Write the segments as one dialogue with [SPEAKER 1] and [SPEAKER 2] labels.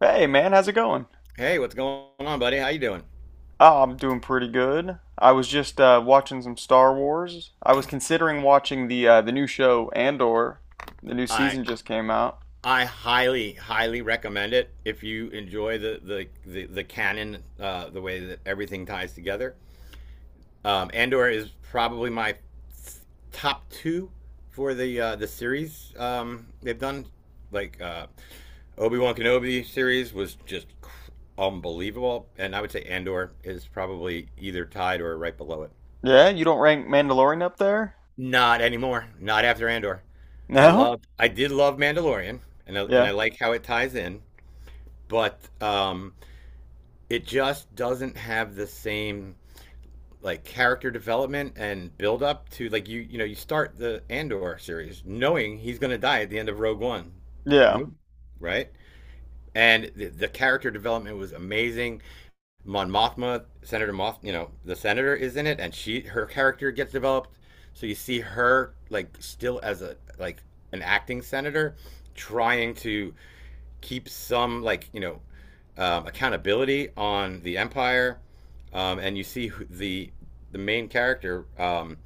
[SPEAKER 1] Hey man, how's it going?
[SPEAKER 2] Hey, what's going on, buddy? How you doing?
[SPEAKER 1] Oh, I'm doing pretty good. I was just watching some Star Wars. I was considering watching the new show Andor. The new
[SPEAKER 2] I
[SPEAKER 1] season just came out.
[SPEAKER 2] I highly highly recommend it if you enjoy the canon, the way that everything ties together. Andor is probably my top two for the series they've done. Like Obi Wan Kenobi series was just unbelievable, and I would say Andor is probably either tied or right below it.
[SPEAKER 1] Yeah, you don't rank Mandalorian up there?
[SPEAKER 2] Not anymore. Not after Andor. I
[SPEAKER 1] No?
[SPEAKER 2] love I did love Mandalorian and I, and
[SPEAKER 1] Yeah.
[SPEAKER 2] I like how it ties in, but it just doesn't have the same like character development and build up to like you know you start the Andor series knowing he's going to die at the end of Rogue One, the
[SPEAKER 1] Yeah.
[SPEAKER 2] movie, right? And the character development was amazing. Mon Mothma, Senator Moth, you know, the senator is in it, and she her character gets developed. So you see her like still as a like an acting senator, trying to keep some like you know accountability on the empire, and you see the main character. Um,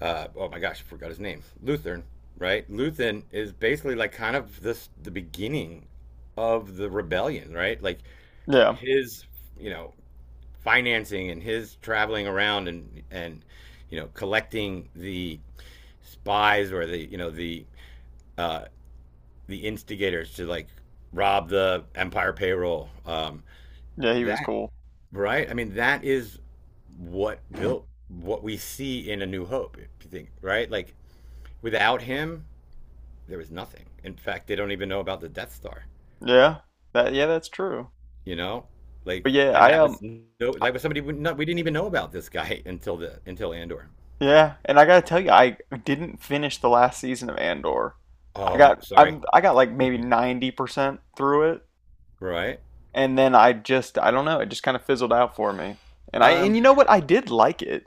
[SPEAKER 2] uh, Oh my gosh, I forgot his name. Lutheran, right? Lutheran is basically like kind of this the beginning of the rebellion, right? Like
[SPEAKER 1] Yeah.
[SPEAKER 2] his you know financing and his traveling around and you know collecting the spies or the you know uh, the instigators to like rob the empire payroll.
[SPEAKER 1] Yeah, he was
[SPEAKER 2] That
[SPEAKER 1] cool.
[SPEAKER 2] right? I mean, that is what built what we see in A New Hope. If you think right, like without him, there was nothing. In fact, they don't even know about the Death Star.
[SPEAKER 1] Yeah. That, yeah, that's true.
[SPEAKER 2] You know,
[SPEAKER 1] But
[SPEAKER 2] like
[SPEAKER 1] yeah,
[SPEAKER 2] and
[SPEAKER 1] I
[SPEAKER 2] that
[SPEAKER 1] um
[SPEAKER 2] was no,
[SPEAKER 1] I-
[SPEAKER 2] like was somebody we, no, we didn't even know about this guy until the until Andor.
[SPEAKER 1] yeah, and I gotta tell you, I didn't finish the last season of Andor. I got
[SPEAKER 2] Sorry,
[SPEAKER 1] I'm I got like maybe 90% through it,
[SPEAKER 2] right.
[SPEAKER 1] and then I just, I don't know, it just kind of fizzled out for me. And I, and
[SPEAKER 2] Um.
[SPEAKER 1] you know what? I did like it.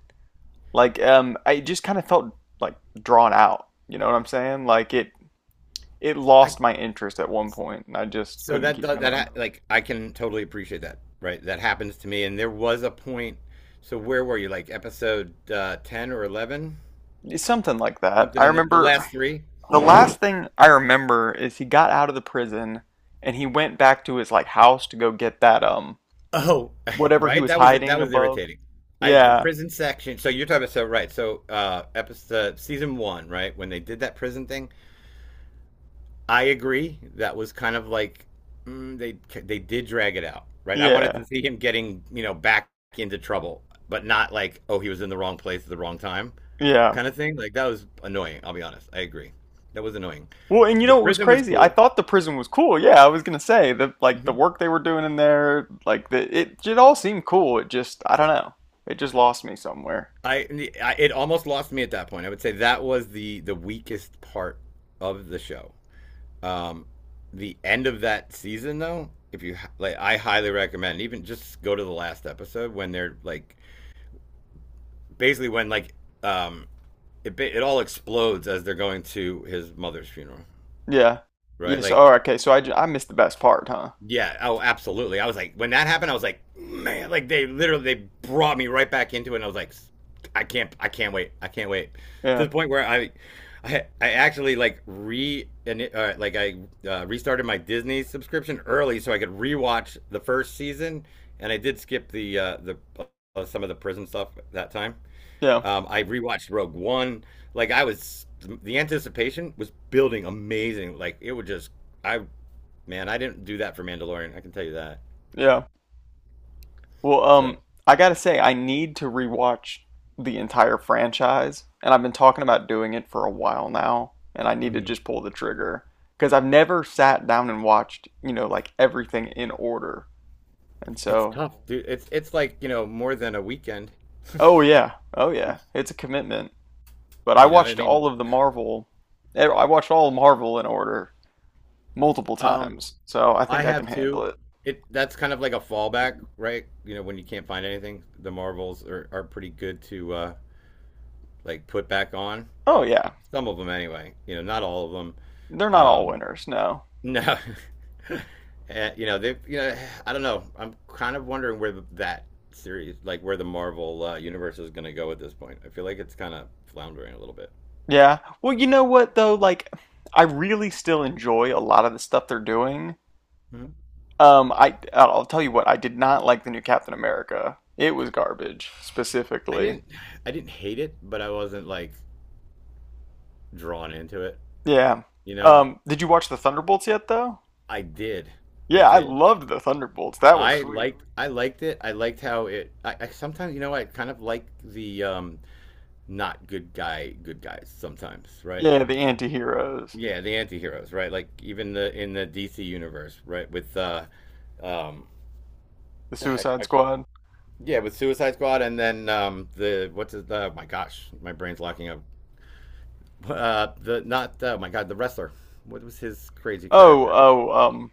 [SPEAKER 1] Like I just kind of felt like drawn out. You know what I'm saying? Like it
[SPEAKER 2] I
[SPEAKER 1] lost my interest at one point and I just
[SPEAKER 2] so
[SPEAKER 1] couldn't
[SPEAKER 2] that
[SPEAKER 1] keep
[SPEAKER 2] do-
[SPEAKER 1] going.
[SPEAKER 2] that like I can totally appreciate that. Right. That happens to me. And there was a point. So where were you? Like episode 10 or 11?
[SPEAKER 1] It's something like that.
[SPEAKER 2] Something
[SPEAKER 1] I
[SPEAKER 2] in the
[SPEAKER 1] remember
[SPEAKER 2] last three.
[SPEAKER 1] the last thing I remember is he got out of the prison and he went back to his like house to go get that
[SPEAKER 2] Oh,
[SPEAKER 1] whatever he
[SPEAKER 2] right.
[SPEAKER 1] was
[SPEAKER 2] That
[SPEAKER 1] hiding
[SPEAKER 2] was
[SPEAKER 1] above.
[SPEAKER 2] irritating. I the
[SPEAKER 1] Yeah.
[SPEAKER 2] prison section. So you're talking about so right. So episode season one. Right when they did that prison thing. I agree. That was kind of like mm, they they did drag it out, right? I wanted
[SPEAKER 1] Yeah.
[SPEAKER 2] to see him getting you know back into trouble, but not like oh he was in the wrong place at the wrong time
[SPEAKER 1] Yeah.
[SPEAKER 2] kind of thing. Like that was annoying. I'll be honest. I agree. That was annoying.
[SPEAKER 1] Well, and you
[SPEAKER 2] The
[SPEAKER 1] know what was
[SPEAKER 2] prison was
[SPEAKER 1] crazy? I
[SPEAKER 2] cool.
[SPEAKER 1] thought the prison was cool. Yeah, I was gonna say that, like the
[SPEAKER 2] Mhm.
[SPEAKER 1] work they were doing in there, like it all seemed cool. It just, I don't know, it just lost me somewhere.
[SPEAKER 2] I, I it almost lost me at that point. I would say that was the weakest part of the show. Um, the end of that season though, if you like, I highly recommend even just go to the last episode when they're like basically when like um it all explodes as they're going to his mother's funeral,
[SPEAKER 1] Yeah.
[SPEAKER 2] right?
[SPEAKER 1] Yes.
[SPEAKER 2] Like
[SPEAKER 1] Oh, okay. So I missed the best part, huh?
[SPEAKER 2] yeah, oh absolutely. I was like when that happened, I was like man, like they literally they brought me right back into it, and I was like I can't wait to
[SPEAKER 1] Yeah.
[SPEAKER 2] the point where I. I actually like re and like I restarted my Disney subscription early so I could rewatch the first season, and I did skip the some of the prison stuff that time.
[SPEAKER 1] Yeah.
[SPEAKER 2] I rewatched Rogue One. Like I was, the anticipation was building amazing. Like it would just, I man, I didn't do that for Mandalorian. I can tell you that.
[SPEAKER 1] Yeah. Well,
[SPEAKER 2] So
[SPEAKER 1] I gotta say, I need to rewatch the entire franchise, and I've been talking about doing it for a while now, and I need to
[SPEAKER 2] mhm.
[SPEAKER 1] just pull the trigger because I've never sat down and watched, you know, like everything in order, and
[SPEAKER 2] It's
[SPEAKER 1] so.
[SPEAKER 2] tough, dude. It's like you know more than a weekend.
[SPEAKER 1] Oh yeah. Oh yeah. It's a commitment. But I
[SPEAKER 2] You know, I
[SPEAKER 1] watched
[SPEAKER 2] mean,
[SPEAKER 1] all of the I watched all of Marvel in order multiple
[SPEAKER 2] um,
[SPEAKER 1] times. So I
[SPEAKER 2] I
[SPEAKER 1] think I can
[SPEAKER 2] have
[SPEAKER 1] handle
[SPEAKER 2] two.
[SPEAKER 1] it.
[SPEAKER 2] It that's kind of like a fallback, right? You know, when you can't find anything, the Marvels are pretty good to like put back on.
[SPEAKER 1] Oh yeah.
[SPEAKER 2] Some of them anyway. You know, not all of them.
[SPEAKER 1] They're not all
[SPEAKER 2] Um,
[SPEAKER 1] winners, no.
[SPEAKER 2] No. You know, they you know, I don't know. I'm kind of wondering where that series, like where the Marvel universe is going to go at this point. I feel like it's kind of floundering a little bit.
[SPEAKER 1] Yeah. Well, you know what though, like I really still enjoy a lot of the stuff they're doing.
[SPEAKER 2] Hmm.
[SPEAKER 1] I'll tell you what, I did not like the new Captain America. It was garbage,
[SPEAKER 2] I
[SPEAKER 1] specifically.
[SPEAKER 2] didn't I didn't hate it, but I wasn't like drawn into it,
[SPEAKER 1] Yeah.
[SPEAKER 2] you know?
[SPEAKER 1] Did you watch the Thunderbolts yet though?
[SPEAKER 2] I did. I
[SPEAKER 1] Yeah, I
[SPEAKER 2] did.
[SPEAKER 1] loved the Thunderbolts. That was
[SPEAKER 2] I
[SPEAKER 1] sweet.
[SPEAKER 2] liked I liked it. I liked how it I sometimes, you know, I kind of like the not good guy good guys sometimes, right?
[SPEAKER 1] Yeah, the anti-heroes.
[SPEAKER 2] Yeah, the anti-heroes, right? Like even the in the DC universe, right? With um
[SPEAKER 1] The
[SPEAKER 2] the heck
[SPEAKER 1] Suicide
[SPEAKER 2] I keep,
[SPEAKER 1] Squad.
[SPEAKER 2] yeah, with Suicide Squad and then the what's his my gosh, my brain's locking up. The not my god, the wrestler. What was his crazy
[SPEAKER 1] Oh,
[SPEAKER 2] character?
[SPEAKER 1] oh, um,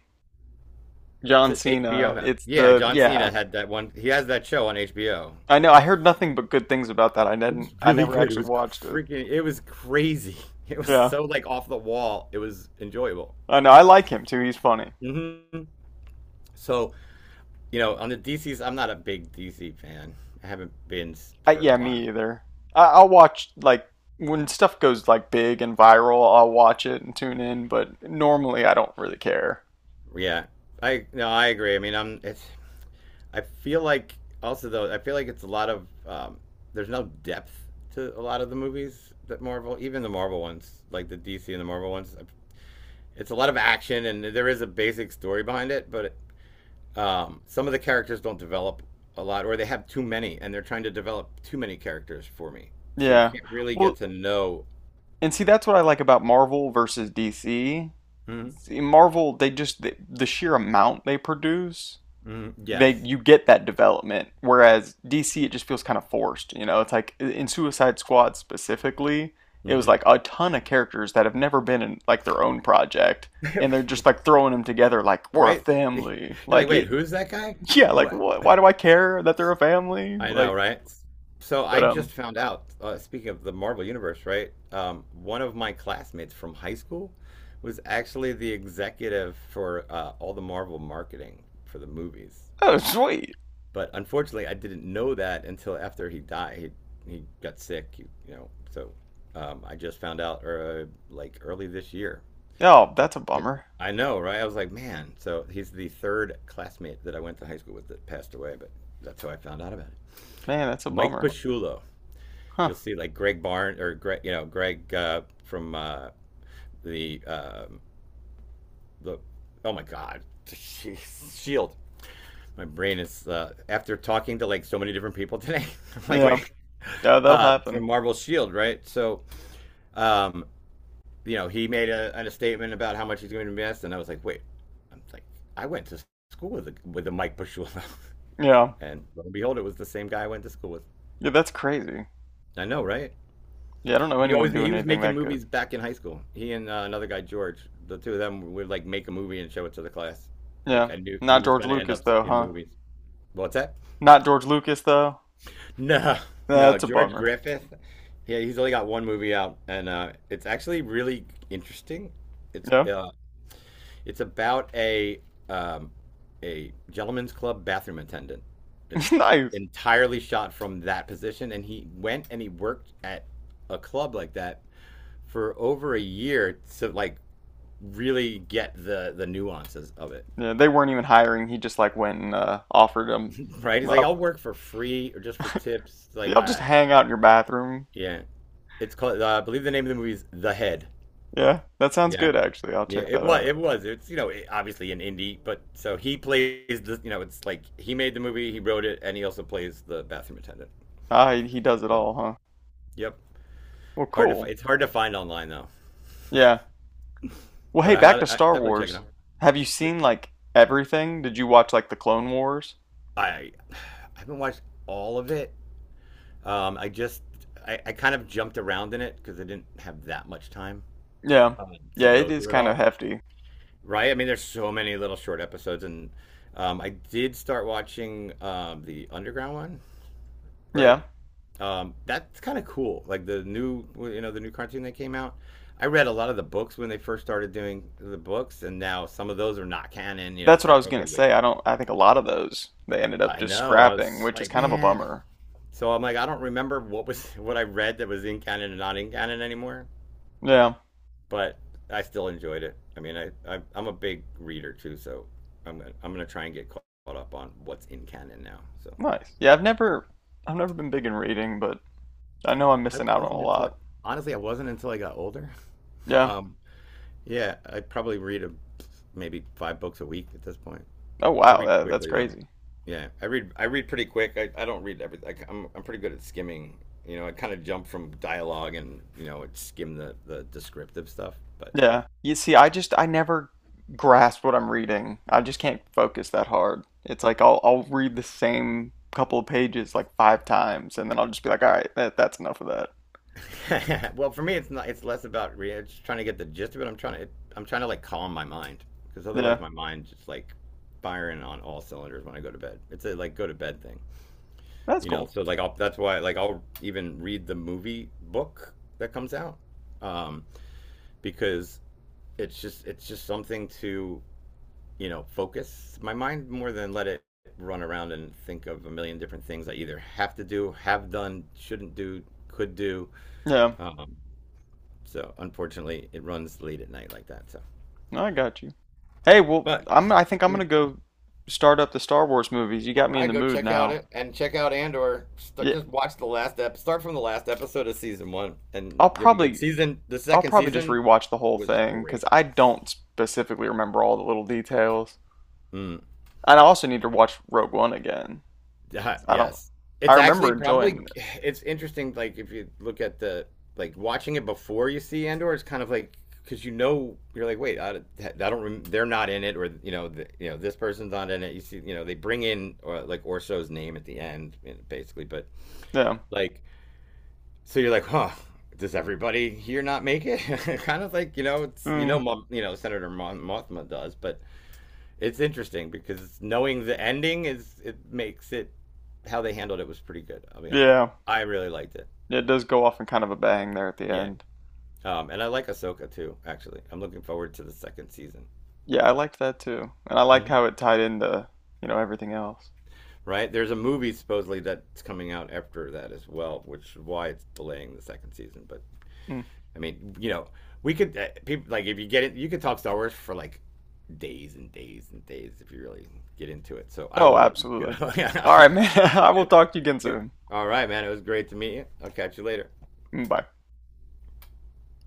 [SPEAKER 1] John
[SPEAKER 2] HBO
[SPEAKER 1] Cena.
[SPEAKER 2] had. It.
[SPEAKER 1] It's
[SPEAKER 2] Yeah,
[SPEAKER 1] the,
[SPEAKER 2] John Cena
[SPEAKER 1] yeah.
[SPEAKER 2] had that one. He has that show on HBO.
[SPEAKER 1] I know. I heard nothing but good things about that. I
[SPEAKER 2] It
[SPEAKER 1] didn't.
[SPEAKER 2] was
[SPEAKER 1] I
[SPEAKER 2] really
[SPEAKER 1] never
[SPEAKER 2] good. It
[SPEAKER 1] actually
[SPEAKER 2] was
[SPEAKER 1] watched it.
[SPEAKER 2] freaking it was crazy. It was
[SPEAKER 1] Yeah,
[SPEAKER 2] so like off the wall. It was enjoyable.
[SPEAKER 1] I know. I like him too. He's funny.
[SPEAKER 2] Hmm. So you know, on the DCs, I'm not a big DC fan. I haven't been for a
[SPEAKER 1] Yeah,
[SPEAKER 2] while.
[SPEAKER 1] me either. I'll watch like when stuff goes like big and viral. I'll watch it and tune in, but normally I don't really care.
[SPEAKER 2] Yeah, I no, I agree. I mean, I'm it's. I feel like also though, I feel like it's a lot of there's no depth to a lot of the movies that Marvel, even the Marvel ones, like the DC and the Marvel ones. It's a lot of action, and there is a basic story behind it, but some of the characters don't develop a lot, or they have too many, and they're trying to develop too many characters for me. So you
[SPEAKER 1] Yeah.
[SPEAKER 2] can't really get
[SPEAKER 1] Well,
[SPEAKER 2] to know.
[SPEAKER 1] and see, that's what I like about Marvel versus DC.
[SPEAKER 2] Mhm.
[SPEAKER 1] See, Marvel, they just the sheer amount they produce,
[SPEAKER 2] Mhm.
[SPEAKER 1] they
[SPEAKER 2] Yes,
[SPEAKER 1] you get that development. Whereas DC, it just feels kind of forced. You know, it's like in Suicide Squad specifically, it was
[SPEAKER 2] mm-hmm.
[SPEAKER 1] like a ton of characters that have never been in like their own project, and they're just like throwing them together like we're a
[SPEAKER 2] right? You're
[SPEAKER 1] family.
[SPEAKER 2] like,
[SPEAKER 1] Like
[SPEAKER 2] wait,
[SPEAKER 1] it,
[SPEAKER 2] who's that guy?
[SPEAKER 1] yeah. Like
[SPEAKER 2] What?
[SPEAKER 1] what? Why do I care that they're a family?
[SPEAKER 2] I know,
[SPEAKER 1] Like,
[SPEAKER 2] right? So
[SPEAKER 1] but
[SPEAKER 2] I just found out. Speaking of the Marvel Universe, right? One of my classmates from high school was actually the executive for all the Marvel marketing for the movies.
[SPEAKER 1] oh sweet.
[SPEAKER 2] But unfortunately, I didn't know that until after he died. He got sick, you know. So I just found out like early this year.
[SPEAKER 1] Oh, that's a bummer,
[SPEAKER 2] I know, right? I was like, man. So he's the third classmate that I went to high school with that passed away, but that's how I found out about it.
[SPEAKER 1] man. That's a
[SPEAKER 2] Mike
[SPEAKER 1] bummer.
[SPEAKER 2] Pasciullo.
[SPEAKER 1] Huh?
[SPEAKER 2] You'll see like Greg Barnes or Greg, you know, Greg from the um, the oh my God, Shield. My brain is after talking to like so many different people today. I'm like,
[SPEAKER 1] Yeah.
[SPEAKER 2] wait,
[SPEAKER 1] Yeah, that'll happen.
[SPEAKER 2] from Marvel Shield, right? So um, you know, he made a statement about how much he's going to invest, and I was like, wait, I'm like, I went to school with with a Mike Pasciullo,
[SPEAKER 1] Yeah.
[SPEAKER 2] and lo and behold, it was the same guy I went to school with.
[SPEAKER 1] Yeah, that's crazy.
[SPEAKER 2] I know, right?
[SPEAKER 1] Yeah, I don't know
[SPEAKER 2] He always
[SPEAKER 1] anyone
[SPEAKER 2] he
[SPEAKER 1] doing
[SPEAKER 2] was
[SPEAKER 1] anything
[SPEAKER 2] making
[SPEAKER 1] that
[SPEAKER 2] movies
[SPEAKER 1] good.
[SPEAKER 2] back in high school. He and another guy, George, the two of them would like make a movie and show it to the class. Like
[SPEAKER 1] Yeah.
[SPEAKER 2] I knew he
[SPEAKER 1] Not
[SPEAKER 2] was
[SPEAKER 1] George
[SPEAKER 2] going to end
[SPEAKER 1] Lucas
[SPEAKER 2] up
[SPEAKER 1] though,
[SPEAKER 2] in
[SPEAKER 1] huh?
[SPEAKER 2] movies. What's that?
[SPEAKER 1] Not George Lucas though.
[SPEAKER 2] No,
[SPEAKER 1] Nah,
[SPEAKER 2] no,
[SPEAKER 1] that's a
[SPEAKER 2] George
[SPEAKER 1] bummer.
[SPEAKER 2] Griffith. Yeah, he's only got one movie out, and it's actually really interesting. It's
[SPEAKER 1] Yeah.
[SPEAKER 2] uh, It's about um, a gentleman's club bathroom attendant. It's
[SPEAKER 1] Nice.
[SPEAKER 2] entirely shot from that position, and he went and he worked at a club like that for over a year to like really get the nuances of it.
[SPEAKER 1] Yeah, they weren't even hiring. He just like went and offered them.
[SPEAKER 2] Right? He's like,
[SPEAKER 1] Up.
[SPEAKER 2] I'll work for free or just for tips.
[SPEAKER 1] Yeah,
[SPEAKER 2] Like,
[SPEAKER 1] I'll just
[SPEAKER 2] I
[SPEAKER 1] hang out in your bathroom.
[SPEAKER 2] yeah. It's called. I believe the name of the movie is The Head.
[SPEAKER 1] Yeah, that sounds
[SPEAKER 2] Yeah.
[SPEAKER 1] good actually. I'll
[SPEAKER 2] Yeah,
[SPEAKER 1] check
[SPEAKER 2] it
[SPEAKER 1] that
[SPEAKER 2] was.
[SPEAKER 1] out.
[SPEAKER 2] It was. It's you know obviously an indie, but so he plays the you know it's like he made the movie, he wrote it, and he also plays the bathroom attendant.
[SPEAKER 1] Ah, he does it
[SPEAKER 2] So
[SPEAKER 1] all, huh?
[SPEAKER 2] yep,
[SPEAKER 1] Well, cool.
[SPEAKER 2] it's hard to find online though.
[SPEAKER 1] Yeah. Well,
[SPEAKER 2] But
[SPEAKER 1] hey,
[SPEAKER 2] I
[SPEAKER 1] back
[SPEAKER 2] had
[SPEAKER 1] to
[SPEAKER 2] I
[SPEAKER 1] Star
[SPEAKER 2] definitely check it
[SPEAKER 1] Wars.
[SPEAKER 2] out.
[SPEAKER 1] Have you
[SPEAKER 2] Yeah,
[SPEAKER 1] seen like everything? Did you watch like the Clone Wars?
[SPEAKER 2] I I haven't watched all of it. I just I kind of jumped around in it because I didn't have that much time
[SPEAKER 1] Yeah.
[SPEAKER 2] to
[SPEAKER 1] Yeah, it
[SPEAKER 2] go
[SPEAKER 1] is
[SPEAKER 2] through it
[SPEAKER 1] kind of
[SPEAKER 2] all.
[SPEAKER 1] hefty.
[SPEAKER 2] Right? I mean, there's so many little short episodes, and I did start watching the underground one. Right?
[SPEAKER 1] Yeah.
[SPEAKER 2] That's kind of cool. Like the new, you know, the new cartoon that came out. I read a lot of the books when they first started doing the books, and now some of those are not canon. You know,
[SPEAKER 1] That's
[SPEAKER 2] it's
[SPEAKER 1] what I
[SPEAKER 2] like,
[SPEAKER 1] was
[SPEAKER 2] okay,
[SPEAKER 1] gonna
[SPEAKER 2] wait,
[SPEAKER 1] say. I don't. I think a lot of those they ended up
[SPEAKER 2] I
[SPEAKER 1] just
[SPEAKER 2] know. I
[SPEAKER 1] scrapping,
[SPEAKER 2] was
[SPEAKER 1] which is
[SPEAKER 2] like,
[SPEAKER 1] kind of a
[SPEAKER 2] man.
[SPEAKER 1] bummer.
[SPEAKER 2] So I'm like, I don't remember what was what I read that was in canon and not in canon anymore.
[SPEAKER 1] Yeah.
[SPEAKER 2] But I still enjoyed it. I mean, I'm a big reader too, so I'm gonna try and get caught up on what's in canon now. So
[SPEAKER 1] Nice. Yeah, I've never been big in reading, but I know I'm
[SPEAKER 2] I
[SPEAKER 1] missing out on a
[SPEAKER 2] wasn't until
[SPEAKER 1] lot.
[SPEAKER 2] I wasn't until I got older.
[SPEAKER 1] Yeah.
[SPEAKER 2] Um, yeah, I probably read maybe five books a week at this point.
[SPEAKER 1] Oh
[SPEAKER 2] I
[SPEAKER 1] wow,
[SPEAKER 2] read
[SPEAKER 1] that's
[SPEAKER 2] quickly though.
[SPEAKER 1] crazy.
[SPEAKER 2] Yeah, I read pretty quick. I don't read everything. I'm pretty good at skimming. You know, I kind of jump from dialogue and you know it skim the descriptive stuff. But
[SPEAKER 1] Yeah. You see, I just I never grasp what I'm reading. I just can't focus that hard. It's like I'll read the same couple of pages like five times and then I'll just be like, "All right, that's enough of that."
[SPEAKER 2] well, for me, it's not. It's less about reading. It's just trying to get the gist of it. I'm trying to like calm my mind because otherwise
[SPEAKER 1] Yeah.
[SPEAKER 2] my mind's just like firing on all cylinders when I go to bed. It's a like go to bed thing.
[SPEAKER 1] That's
[SPEAKER 2] You know
[SPEAKER 1] cool.
[SPEAKER 2] so like I'll, that's why like I'll even read the movie book that comes out um because it's just something to you know focus my mind more than let it run around and think of a million different things I either have to do have done shouldn't do could do
[SPEAKER 1] Yeah.
[SPEAKER 2] um so unfortunately it runs late at night like that so
[SPEAKER 1] No, I got you. Hey, well,
[SPEAKER 2] but
[SPEAKER 1] I think I'm
[SPEAKER 2] you
[SPEAKER 1] gonna go start up the Star Wars movies. You
[SPEAKER 2] all
[SPEAKER 1] got me in
[SPEAKER 2] right,
[SPEAKER 1] the
[SPEAKER 2] go
[SPEAKER 1] mood
[SPEAKER 2] check out
[SPEAKER 1] now.
[SPEAKER 2] it and check out Andor. Start,
[SPEAKER 1] Yeah.
[SPEAKER 2] just watch the last ep. Start from the last episode of season one, and
[SPEAKER 1] I'll
[SPEAKER 2] you'll be good.
[SPEAKER 1] probably
[SPEAKER 2] Season the
[SPEAKER 1] I'll
[SPEAKER 2] second
[SPEAKER 1] probably just
[SPEAKER 2] season
[SPEAKER 1] rewatch the whole
[SPEAKER 2] was
[SPEAKER 1] thing because
[SPEAKER 2] great.
[SPEAKER 1] I don't specifically remember all the little details.
[SPEAKER 2] Mm,
[SPEAKER 1] And I also need to watch Rogue One again because I don't.
[SPEAKER 2] yes,
[SPEAKER 1] I
[SPEAKER 2] it's
[SPEAKER 1] remember
[SPEAKER 2] actually probably
[SPEAKER 1] enjoying.
[SPEAKER 2] it's interesting. Like if you look at the like watching it before you see Andor, it's kind of like because you know you're like, wait, I don't. They're not in it, or you know, you know, this person's not in it. You see, you know, they bring in or, like Orso's name at the end, you know, basically, but
[SPEAKER 1] It. Yeah.
[SPEAKER 2] like so you're like, huh? Does everybody here not make it? Kind of like you know, it's you know,
[SPEAKER 1] Mm,
[SPEAKER 2] You know, Mothma does, but it's interesting because knowing the ending is it makes it how they handled it was pretty good. I'll be honest,
[SPEAKER 1] yeah.
[SPEAKER 2] I really liked it.
[SPEAKER 1] It does go off in kind of a bang there at the
[SPEAKER 2] Yeah,
[SPEAKER 1] end.
[SPEAKER 2] and I like Ahsoka too. Actually, I'm looking forward to the second season.
[SPEAKER 1] Yeah, I liked that too, and I liked
[SPEAKER 2] Mhm.
[SPEAKER 1] how it tied into you know everything else.
[SPEAKER 2] Right? There's a movie supposedly that's coming out after that as well, which is why it's delaying the second season. But
[SPEAKER 1] Mm.
[SPEAKER 2] I mean, you know, we could people like if you get it, you could talk Star Wars for like days and days and days if you really get into it. So I
[SPEAKER 1] Oh,
[SPEAKER 2] will let you go.
[SPEAKER 1] absolutely. All right, man. I will talk to you again soon.
[SPEAKER 2] All right, man. It was great to meet you. I'll catch you later.
[SPEAKER 1] Mm, bye.